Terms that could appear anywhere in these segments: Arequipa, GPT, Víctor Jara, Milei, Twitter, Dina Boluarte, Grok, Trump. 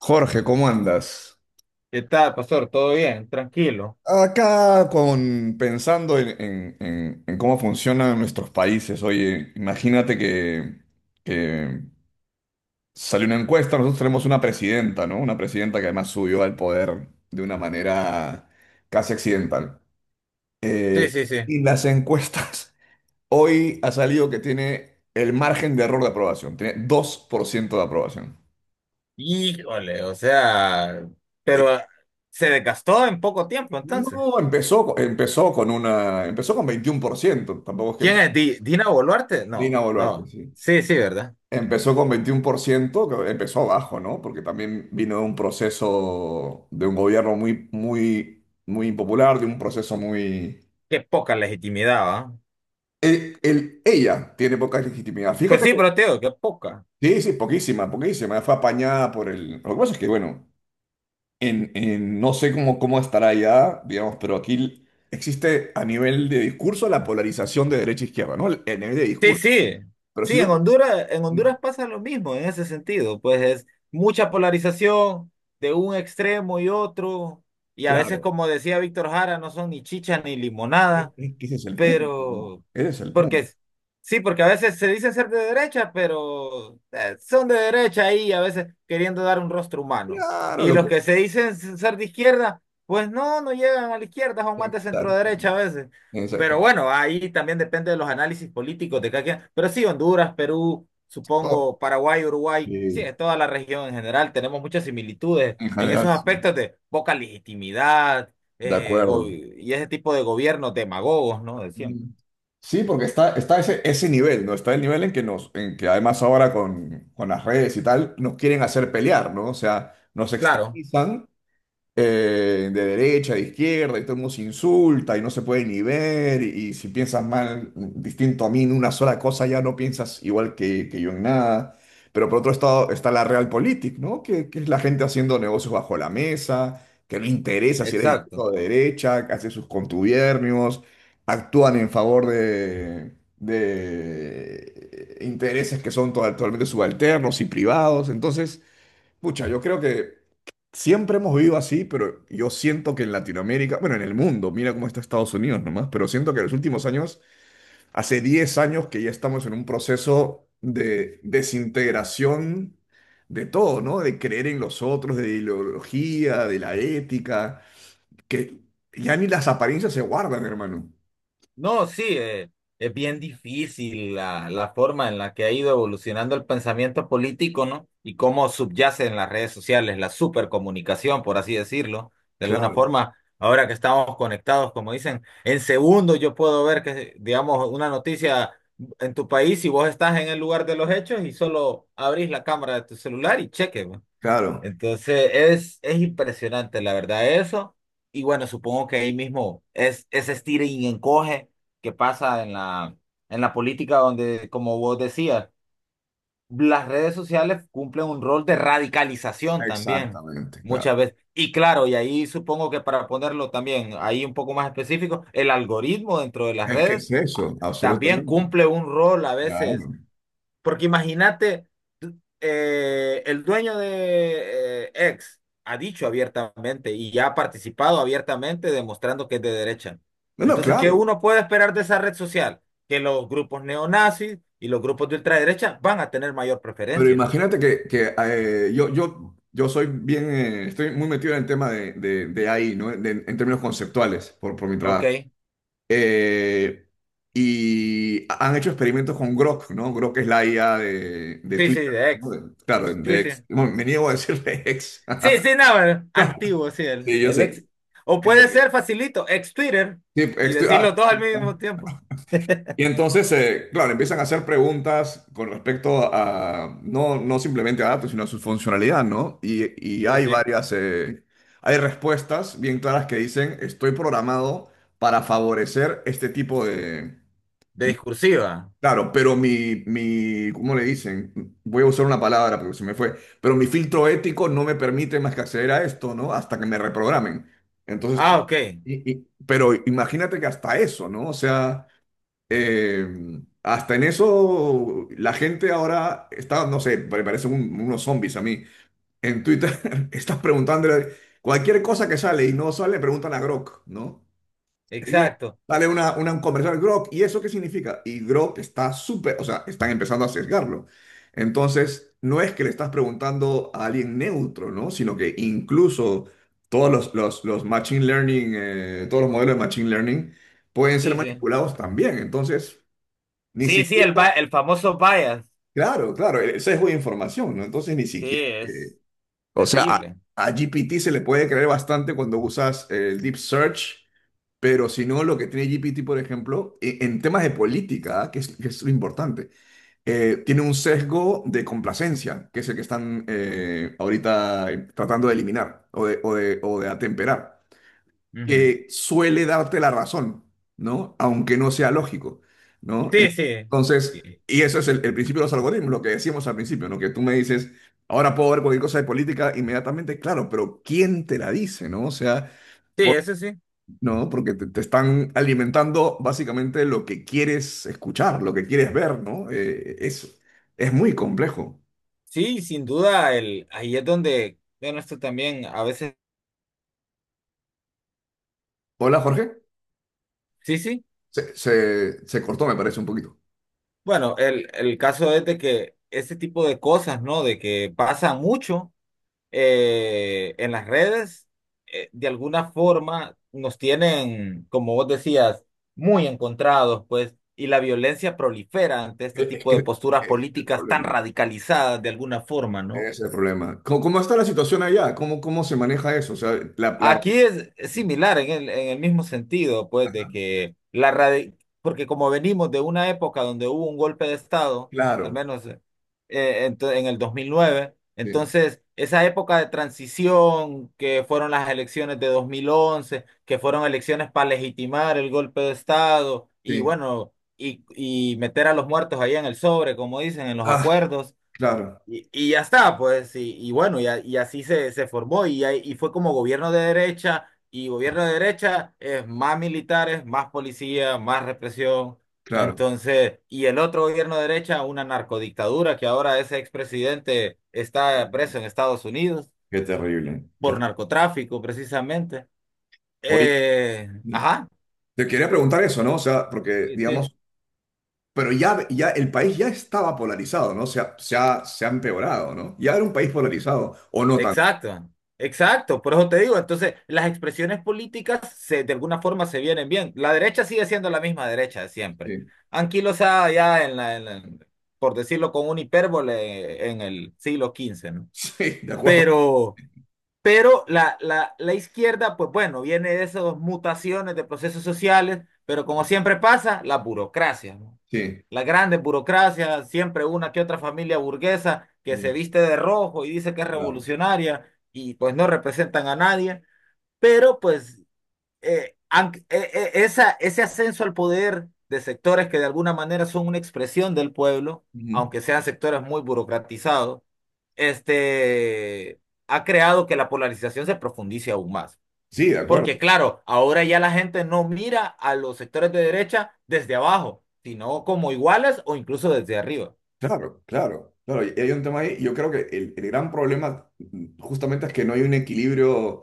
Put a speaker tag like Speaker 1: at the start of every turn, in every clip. Speaker 1: Jorge, ¿cómo andas?
Speaker 2: ¿Qué tal, pastor? ¿Todo bien? Tranquilo.
Speaker 1: Acá pensando en cómo funcionan nuestros países. Oye, imagínate que salió una encuesta. Nosotros tenemos una presidenta, ¿no? Una presidenta que además subió al poder de una manera casi accidental.
Speaker 2: Sí,
Speaker 1: Eh,
Speaker 2: sí, sí.
Speaker 1: y las encuestas, hoy ha salido que tiene el margen de error de aprobación, tiene 2% de aprobación.
Speaker 2: Híjole, o sea, pero
Speaker 1: Eh,
Speaker 2: se desgastó en poco tiempo entonces.
Speaker 1: No, empezó con 21%. Tampoco es que.
Speaker 2: ¿Quién es? ¿Dina Boluarte?
Speaker 1: Dina
Speaker 2: No,
Speaker 1: Boluarte,
Speaker 2: no.
Speaker 1: sí.
Speaker 2: Sí, sí, ¿verdad?
Speaker 1: Empezó con veintiún por ciento, que empezó abajo, ¿no? Porque también vino de un proceso de un gobierno muy, muy, muy impopular, de un proceso muy.
Speaker 2: Qué poca legitimidad, ¿va?
Speaker 1: Ella tiene poca legitimidad.
Speaker 2: Pues
Speaker 1: Fíjate
Speaker 2: sí,
Speaker 1: que.
Speaker 2: pero te digo, qué poca.
Speaker 1: Sí, sí, poquísima, poquísima. Fue apañada por el. Lo que pasa es que, bueno, no sé cómo estará allá, digamos, pero aquí existe a nivel de discurso la polarización de derecha e izquierda, ¿no? A nivel de
Speaker 2: Sí,
Speaker 1: discurso.
Speaker 2: sí.
Speaker 1: Pero si
Speaker 2: Sí,
Speaker 1: tú.
Speaker 2: En
Speaker 1: Mm.
Speaker 2: Honduras pasa lo mismo en ese sentido. Pues es mucha polarización de un extremo y otro. Y a veces,
Speaker 1: Claro.
Speaker 2: como decía Víctor Jara, no son ni chicha ni
Speaker 1: Es,
Speaker 2: limonada.
Speaker 1: es que ese es el punto, ¿no?
Speaker 2: Pero
Speaker 1: Ese es el
Speaker 2: porque
Speaker 1: punto.
Speaker 2: sí, porque a veces se dicen ser de derecha, pero son de derecha ahí a veces queriendo dar un rostro humano.
Speaker 1: Claro,
Speaker 2: Y
Speaker 1: lo
Speaker 2: los
Speaker 1: que.
Speaker 2: que se dicen ser de izquierda, pues no, no llegan a la izquierda, son más de centro derecha
Speaker 1: Exactamente.
Speaker 2: a veces. Pero
Speaker 1: Exactamente.
Speaker 2: bueno, ahí también depende de los análisis políticos de cada quien. Pero sí, Honduras, Perú,
Speaker 1: Oh,
Speaker 2: supongo, Paraguay, Uruguay, sí,
Speaker 1: sí,
Speaker 2: en toda la región en general tenemos muchas similitudes
Speaker 1: en
Speaker 2: en
Speaker 1: general,
Speaker 2: esos
Speaker 1: sí.
Speaker 2: aspectos de poca legitimidad
Speaker 1: De acuerdo.
Speaker 2: y ese tipo de gobiernos demagogos, ¿no? De siempre.
Speaker 1: Mm. Sí, porque está ese nivel, ¿no? Está el nivel en que en que además ahora con las redes y tal, nos quieren hacer pelear, ¿no? O sea, nos
Speaker 2: Claro.
Speaker 1: extremizan, de derecha, de izquierda, y todo el mundo se insulta y no se puede ni ver, y si piensas mal, distinto a mí en una sola cosa, ya no piensas igual que yo en nada. Pero por otro lado está la realpolitik, ¿no? Que es la gente haciendo negocios bajo la mesa, que no interesa si eres de izquierda
Speaker 2: Exacto.
Speaker 1: o de derecha, que hace sus contubiernios, actúan en favor de intereses que son totalmente subalternos y privados. Entonces, pucha, yo creo que siempre hemos vivido así, pero yo siento que en Latinoamérica, bueno, en el mundo, mira cómo está Estados Unidos nomás, pero siento que en los últimos años, hace 10 años que ya estamos en un proceso de desintegración de todo, ¿no? De creer en los otros, de ideología, de la ética, que ya ni las apariencias se guardan, hermano.
Speaker 2: No, sí, es bien difícil la forma en la que ha ido evolucionando el pensamiento político, ¿no? Y cómo subyace en las redes sociales la supercomunicación, por así decirlo, de alguna
Speaker 1: Claro,
Speaker 2: forma. Ahora que estamos conectados, como dicen, en segundos yo puedo ver que, digamos, una noticia en tu país y vos estás en el lugar de los hechos y solo abrís la cámara de tu celular y cheque. ¿No?
Speaker 1: claro,
Speaker 2: Entonces es impresionante, la verdad, eso. Y bueno, supongo que ahí mismo es ese estira y encoge que pasa en la política donde, como vos decías, las redes sociales cumplen un rol de radicalización también,
Speaker 1: exactamente, claro.
Speaker 2: muchas veces. Y claro, y ahí supongo que para ponerlo también ahí un poco más específico, el algoritmo dentro de las
Speaker 1: Es que
Speaker 2: redes
Speaker 1: es
Speaker 2: ah,
Speaker 1: eso,
Speaker 2: también
Speaker 1: absolutamente.
Speaker 2: cumple un rol a veces
Speaker 1: Claro.
Speaker 2: porque imagínate, el dueño de X ha dicho abiertamente y ya ha participado abiertamente demostrando que es de derecha.
Speaker 1: No, no,
Speaker 2: Entonces, ¿qué
Speaker 1: claro.
Speaker 2: uno puede esperar de esa red social? Que los grupos neonazis y los grupos de ultraderecha van a tener mayor
Speaker 1: Pero
Speaker 2: preferencia.
Speaker 1: imagínate que, yo estoy muy metido en el tema de AI, ¿no? En términos conceptuales, por mi trabajo.
Speaker 2: Ok.
Speaker 1: Eh, y han hecho experimentos con Grok, ¿no? Grok es la IA de
Speaker 2: Sí, sí,
Speaker 1: Twitter,
Speaker 2: de
Speaker 1: ¿no?
Speaker 2: X.
Speaker 1: Claro,
Speaker 2: Sí,
Speaker 1: de
Speaker 2: sí.
Speaker 1: X. Bueno, me niego a decirle ex.
Speaker 2: Sí, sí, no, antiguo, sí,
Speaker 1: Sí, yo
Speaker 2: el
Speaker 1: sé.
Speaker 2: ex. O puede
Speaker 1: Eh,
Speaker 2: ser facilito, ex Twitter,
Speaker 1: sí,
Speaker 2: y decirlo todo
Speaker 1: ahí
Speaker 2: al
Speaker 1: está.
Speaker 2: mismo tiempo.
Speaker 1: Y entonces, claro, empiezan a hacer preguntas con respecto a, no, no simplemente a datos, sino a su funcionalidad, ¿no? Y
Speaker 2: Sí,
Speaker 1: hay
Speaker 2: sí.
Speaker 1: varias, eh, hay respuestas bien claras que dicen, estoy programado para favorecer este tipo de.
Speaker 2: De discursiva.
Speaker 1: Claro, pero mi, ¿cómo le dicen? Voy a usar una palabra porque se me fue, pero mi filtro ético no me permite más que acceder a esto, ¿no? Hasta que me reprogramen. Entonces,
Speaker 2: Ah, ok.
Speaker 1: pero imagínate que hasta eso, ¿no? O sea. Eh, Hasta en eso, la gente ahora está, no sé, parecen unos zombies a mí. En Twitter estás preguntándole cualquier cosa que sale y no sale, preguntan a Grok, ¿no? Y
Speaker 2: Exacto.
Speaker 1: sale un comercial. Grok, ¿y eso qué significa? Y Grok está súper, o sea, están empezando a sesgarlo. Entonces, no es que le estás preguntando a alguien neutro, ¿no? Sino que incluso todos los machine learning, todos los modelos de machine learning pueden ser
Speaker 2: Sí, sí.
Speaker 1: manipulados también. Entonces, ni
Speaker 2: Sí, sí,
Speaker 1: siquiera,
Speaker 2: el, el famoso bias.
Speaker 1: claro, claro, el sesgo de información, ¿no? Entonces ni
Speaker 2: Sí,
Speaker 1: siquiera,
Speaker 2: es
Speaker 1: o sea, a,
Speaker 2: terrible.
Speaker 1: a GPT se le puede creer bastante cuando usas el deep search, pero si no, lo que tiene GPT, por ejemplo, en temas de política, ¿ah? Que es lo importante, tiene un sesgo de complacencia, que es el que están, ahorita, tratando de eliminar o de atemperar,
Speaker 2: Ujú.
Speaker 1: que suele darte la razón, ¿no? Aunque no sea lógico, ¿no?
Speaker 2: Sí, sí. Sí,
Speaker 1: Entonces, y eso es el principio de los algoritmos, lo que decíamos al principio, ¿no? Que tú me dices, ahora puedo ver cualquier cosa de política inmediatamente, claro, pero ¿quién te la dice? ¿No? O sea,
Speaker 2: sí,
Speaker 1: por-
Speaker 2: eso sí.
Speaker 1: ¿no? Porque te están alimentando básicamente lo que quieres escuchar, lo que quieres ver, ¿no? Es muy complejo.
Speaker 2: Sí, sin duda, el, ahí es donde, bueno, esto también a veces,
Speaker 1: Hola, Jorge.
Speaker 2: sí, sí.
Speaker 1: Se cortó, me parece, un poquito.
Speaker 2: Bueno, el caso es de que ese tipo de cosas, ¿no? De que pasan mucho. En las redes, de alguna forma nos tienen, como vos decías, muy encontrados, pues, y la violencia prolifera ante este
Speaker 1: Es
Speaker 2: tipo de
Speaker 1: que
Speaker 2: posturas
Speaker 1: es el
Speaker 2: políticas tan
Speaker 1: problema.
Speaker 2: radicalizadas de alguna forma,
Speaker 1: Ese
Speaker 2: ¿no?
Speaker 1: es el problema. ¿Cómo está la situación allá? ¿Cómo se maneja eso? O sea.
Speaker 2: Aquí es similar en el mismo sentido, pues, de que la porque como venimos de una época donde hubo un golpe de Estado,
Speaker 1: Claro,
Speaker 2: al menos en el 2009,
Speaker 1: sí,
Speaker 2: entonces esa época de transición que fueron las elecciones de 2011, que fueron elecciones para legitimar el golpe de Estado y
Speaker 1: sí.
Speaker 2: bueno, y meter a los muertos ahí en el sobre, como dicen, en los
Speaker 1: Ah,
Speaker 2: acuerdos.
Speaker 1: claro,
Speaker 2: Y ya está, pues, y bueno, y, y así se, se formó, y, y fue como gobierno de derecha, y gobierno de derecha es más militares, más policía, más represión.
Speaker 1: claro.
Speaker 2: Entonces, y el otro gobierno de derecha, una narcodictadura, que ahora ese expresidente está preso en Estados Unidos
Speaker 1: Qué terrible.
Speaker 2: por narcotráfico, precisamente.
Speaker 1: Oye,
Speaker 2: Ajá,
Speaker 1: te quería preguntar eso, ¿no? O sea, porque,
Speaker 2: sí, sí.
Speaker 1: digamos, pero ya el país ya estaba polarizado, ¿no? Se ha empeorado, ¿no? Ya era un país polarizado, o no tanto.
Speaker 2: Exacto, exacto, por eso te digo, entonces las expresiones políticas se, de alguna forma se vienen bien. La derecha sigue siendo la misma derecha de siempre.
Speaker 1: Sí,
Speaker 2: Anquilosada ya en la, por decirlo con un hipérbole, en el siglo quince, ¿no?
Speaker 1: sí, de acuerdo.
Speaker 2: Pero, pero la izquierda, pues bueno, viene de esas mutaciones de procesos sociales, pero como siempre pasa, la burocracia, ¿no?
Speaker 1: Sí,
Speaker 2: Las grandes burocracias, siempre una que otra familia burguesa que
Speaker 1: mm,
Speaker 2: se viste de rojo y dice que es
Speaker 1: claro.
Speaker 2: revolucionaria y pues no representan a nadie, pero pues esa, ese ascenso al poder de sectores que de alguna manera son una expresión del pueblo,
Speaker 1: Ujú.
Speaker 2: aunque sean sectores muy burocratizados, este, ha creado que la polarización se profundice aún más.
Speaker 1: Sí, de acuerdo.
Speaker 2: Porque claro, ahora ya la gente no mira a los sectores de derecha desde abajo, sino como iguales o incluso desde arriba.
Speaker 1: Claro, claro, claro. Y hay un tema ahí. Yo creo que el gran problema, justamente es que no hay un equilibrio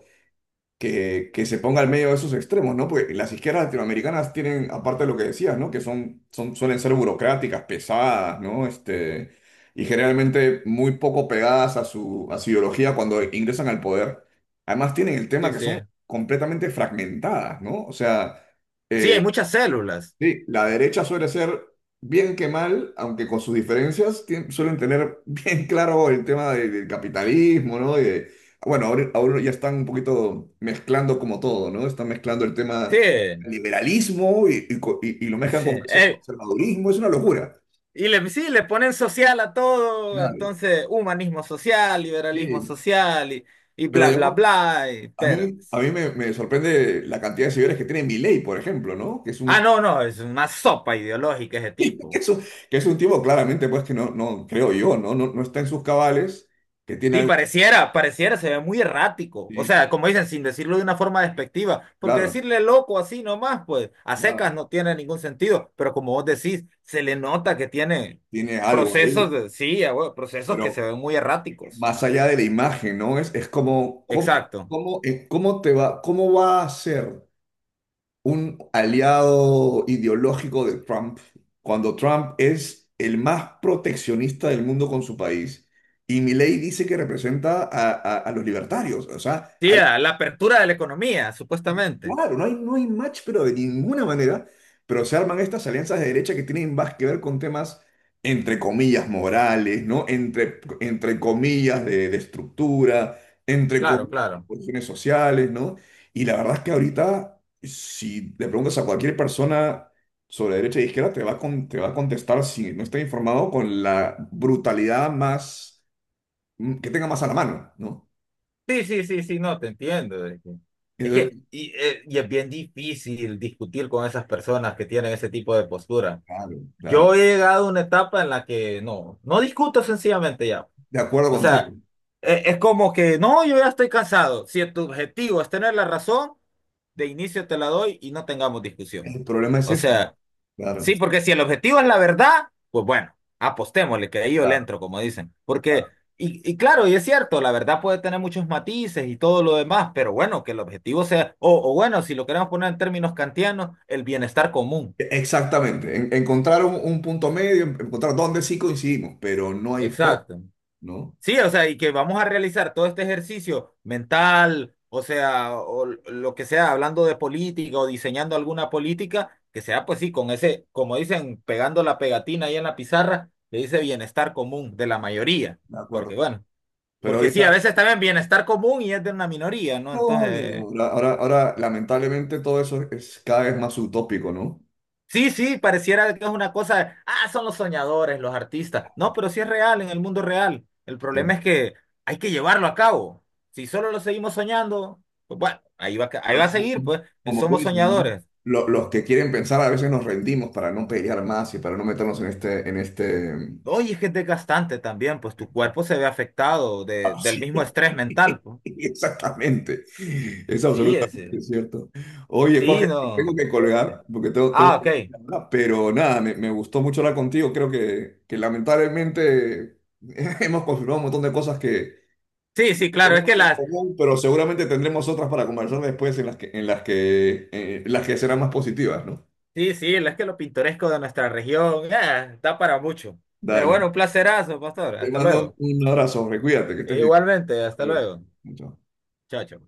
Speaker 1: que se ponga al medio de esos extremos, ¿no? Porque las izquierdas latinoamericanas tienen, aparte de lo que decías, ¿no? Que suelen ser burocráticas, pesadas, ¿no? Este, y generalmente muy poco pegadas a su ideología cuando ingresan al poder. Además tienen el tema
Speaker 2: Sí,
Speaker 1: que
Speaker 2: sí.
Speaker 1: son completamente fragmentadas, ¿no? O sea.
Speaker 2: Sí, hay muchas células.
Speaker 1: Sí, la derecha suele ser bien que mal, aunque con sus diferencias, suelen tener bien claro el tema del capitalismo, ¿no? Bueno, ahora ya están un poquito mezclando como todo, ¿no? Están mezclando el tema
Speaker 2: Sí,
Speaker 1: del liberalismo y lo mezclan
Speaker 2: sí.
Speaker 1: con conservadurismo, es una locura.
Speaker 2: Y le, sí, le ponen social a todo,
Speaker 1: Claro,
Speaker 2: entonces humanismo social, liberalismo
Speaker 1: sí.
Speaker 2: social y
Speaker 1: Pero
Speaker 2: bla, bla,
Speaker 1: digamos,
Speaker 2: bla.
Speaker 1: a
Speaker 2: Pero,
Speaker 1: mí, a
Speaker 2: pues,
Speaker 1: mí me sorprende la cantidad de seguidores que tiene Milei, por ejemplo, ¿no?
Speaker 2: ah, no, no, es una sopa ideológica ese
Speaker 1: Que
Speaker 2: tipo.
Speaker 1: es un, que es un tipo claramente, pues, que no, no creo yo, ¿no? No, no está en sus cabales que
Speaker 2: Sí,
Speaker 1: tiene.
Speaker 2: pareciera, pareciera, se ve muy errático. O
Speaker 1: Sí,
Speaker 2: sea, como dicen, sin decirlo de una forma despectiva, porque
Speaker 1: claro,
Speaker 2: decirle loco así nomás, pues a
Speaker 1: claro,
Speaker 2: secas no tiene ningún sentido, pero como vos decís, se le nota que tiene
Speaker 1: tiene algo
Speaker 2: procesos
Speaker 1: ahí,
Speaker 2: de, sí, ah, bueno, procesos que
Speaker 1: pero
Speaker 2: se ven muy erráticos.
Speaker 1: más allá de la imagen, ¿no? Es como, ¿cómo,
Speaker 2: Exacto.
Speaker 1: cómo, eh, cómo te va, cómo va a ser un aliado ideológico de Trump cuando Trump es el más proteccionista del mundo con su país y Milei dice que representa a, a los libertarios? O sea,
Speaker 2: Sí, ah, la apertura de la economía, supuestamente.
Speaker 1: claro, no hay, no hay match, pero de ninguna manera. Pero se arman estas alianzas de derecha que tienen más que ver con temas, entre comillas, morales, ¿no? Entre comillas, de estructura, entre
Speaker 2: Claro,
Speaker 1: comillas, de
Speaker 2: claro.
Speaker 1: cuestiones sociales, ¿no? Y la verdad es que ahorita, si le preguntas a cualquier persona sobre derecha e izquierda, te va a contestar, si no está informado, con la brutalidad más, que tenga más a la mano, ¿no?
Speaker 2: Sí, sí, sí, sí, no, te entiendo. Es que,
Speaker 1: Entonces,
Speaker 2: y es bien difícil discutir con esas personas que tienen ese tipo de postura.
Speaker 1: claro,
Speaker 2: Yo
Speaker 1: claro.
Speaker 2: he llegado a una etapa en la que no, no discuto sencillamente ya.
Speaker 1: De acuerdo
Speaker 2: O
Speaker 1: contigo.
Speaker 2: sea, es como que no, yo ya estoy cansado. Si tu objetivo es tener la razón, de inicio te la doy y no tengamos discusión.
Speaker 1: El problema es
Speaker 2: O
Speaker 1: ese, ¿no?
Speaker 2: sea,
Speaker 1: Claro,
Speaker 2: sí, porque si el objetivo es la verdad, pues bueno, apostémosle, que ahí yo le
Speaker 1: claro,
Speaker 2: entro, como dicen. Porque,
Speaker 1: claro.
Speaker 2: y claro, y es cierto, la verdad puede tener muchos matices y todo lo demás, pero bueno, que el objetivo sea, o bueno, si lo queremos poner en términos kantianos, el bienestar común.
Speaker 1: Exactamente. Encontrar un punto medio, encontrar dónde sí coincidimos, pero no hay forma,
Speaker 2: Exacto.
Speaker 1: ¿no?
Speaker 2: Sí, o sea, y que vamos a realizar todo este ejercicio mental, o sea, o lo que sea, hablando de política o diseñando alguna política, que sea pues sí, con ese, como dicen, pegando la pegatina ahí en la pizarra, le dice bienestar común de la mayoría,
Speaker 1: De
Speaker 2: porque
Speaker 1: acuerdo.
Speaker 2: bueno,
Speaker 1: Pero
Speaker 2: porque sí, a
Speaker 1: ahorita,
Speaker 2: veces también bienestar común y es de una minoría, ¿no?
Speaker 1: no,
Speaker 2: Entonces...
Speaker 1: no, no. Ahora, lamentablemente, todo eso es cada vez más utópico, ¿no?
Speaker 2: Sí, sí, pareciera que es una cosa, ah, son los soñadores, los artistas. No, pero sí es real en el mundo real. El
Speaker 1: Sí.
Speaker 2: problema es que hay que llevarlo a cabo. Si solo lo seguimos soñando, pues bueno, ahí va, ahí va
Speaker 1: Pero
Speaker 2: a
Speaker 1: como,
Speaker 2: seguir, pues,
Speaker 1: como tú
Speaker 2: somos
Speaker 1: dices, ¿no?
Speaker 2: soñadores.
Speaker 1: Los que quieren pensar a veces nos rendimos para no pelear más y para no meternos en este, en este.
Speaker 2: Oye, es que es desgastante también, pues tu cuerpo se ve afectado
Speaker 1: Ah,
Speaker 2: del mismo
Speaker 1: sí,
Speaker 2: estrés mental, pues.
Speaker 1: exactamente. Es
Speaker 2: Sí,
Speaker 1: absolutamente
Speaker 2: ese,
Speaker 1: cierto. Oye,
Speaker 2: sí,
Speaker 1: Jorge, te tengo
Speaker 2: no,
Speaker 1: que
Speaker 2: este.
Speaker 1: colgar porque tengo
Speaker 2: Ah,
Speaker 1: que
Speaker 2: ok.
Speaker 1: ir a hablar. Pero nada, me gustó mucho hablar contigo. Creo que lamentablemente hemos confirmado un montón de cosas que,
Speaker 2: Sí, sí,
Speaker 1: que
Speaker 2: claro, es que
Speaker 1: tenemos en
Speaker 2: las,
Speaker 1: común, pero seguramente tendremos otras para conversar después en las que, en las que serán más positivas, ¿no?
Speaker 2: sí, sí, es que lo pintoresco de nuestra región, da para mucho. Pero
Speaker 1: Dale.
Speaker 2: bueno, un placerazo, pastor.
Speaker 1: Te
Speaker 2: Hasta
Speaker 1: mando
Speaker 2: luego.
Speaker 1: un abrazo, Jorge. Cuídate, que estés bien.
Speaker 2: Igualmente, hasta
Speaker 1: Adiós.
Speaker 2: luego.
Speaker 1: Chao.
Speaker 2: Chao, chao.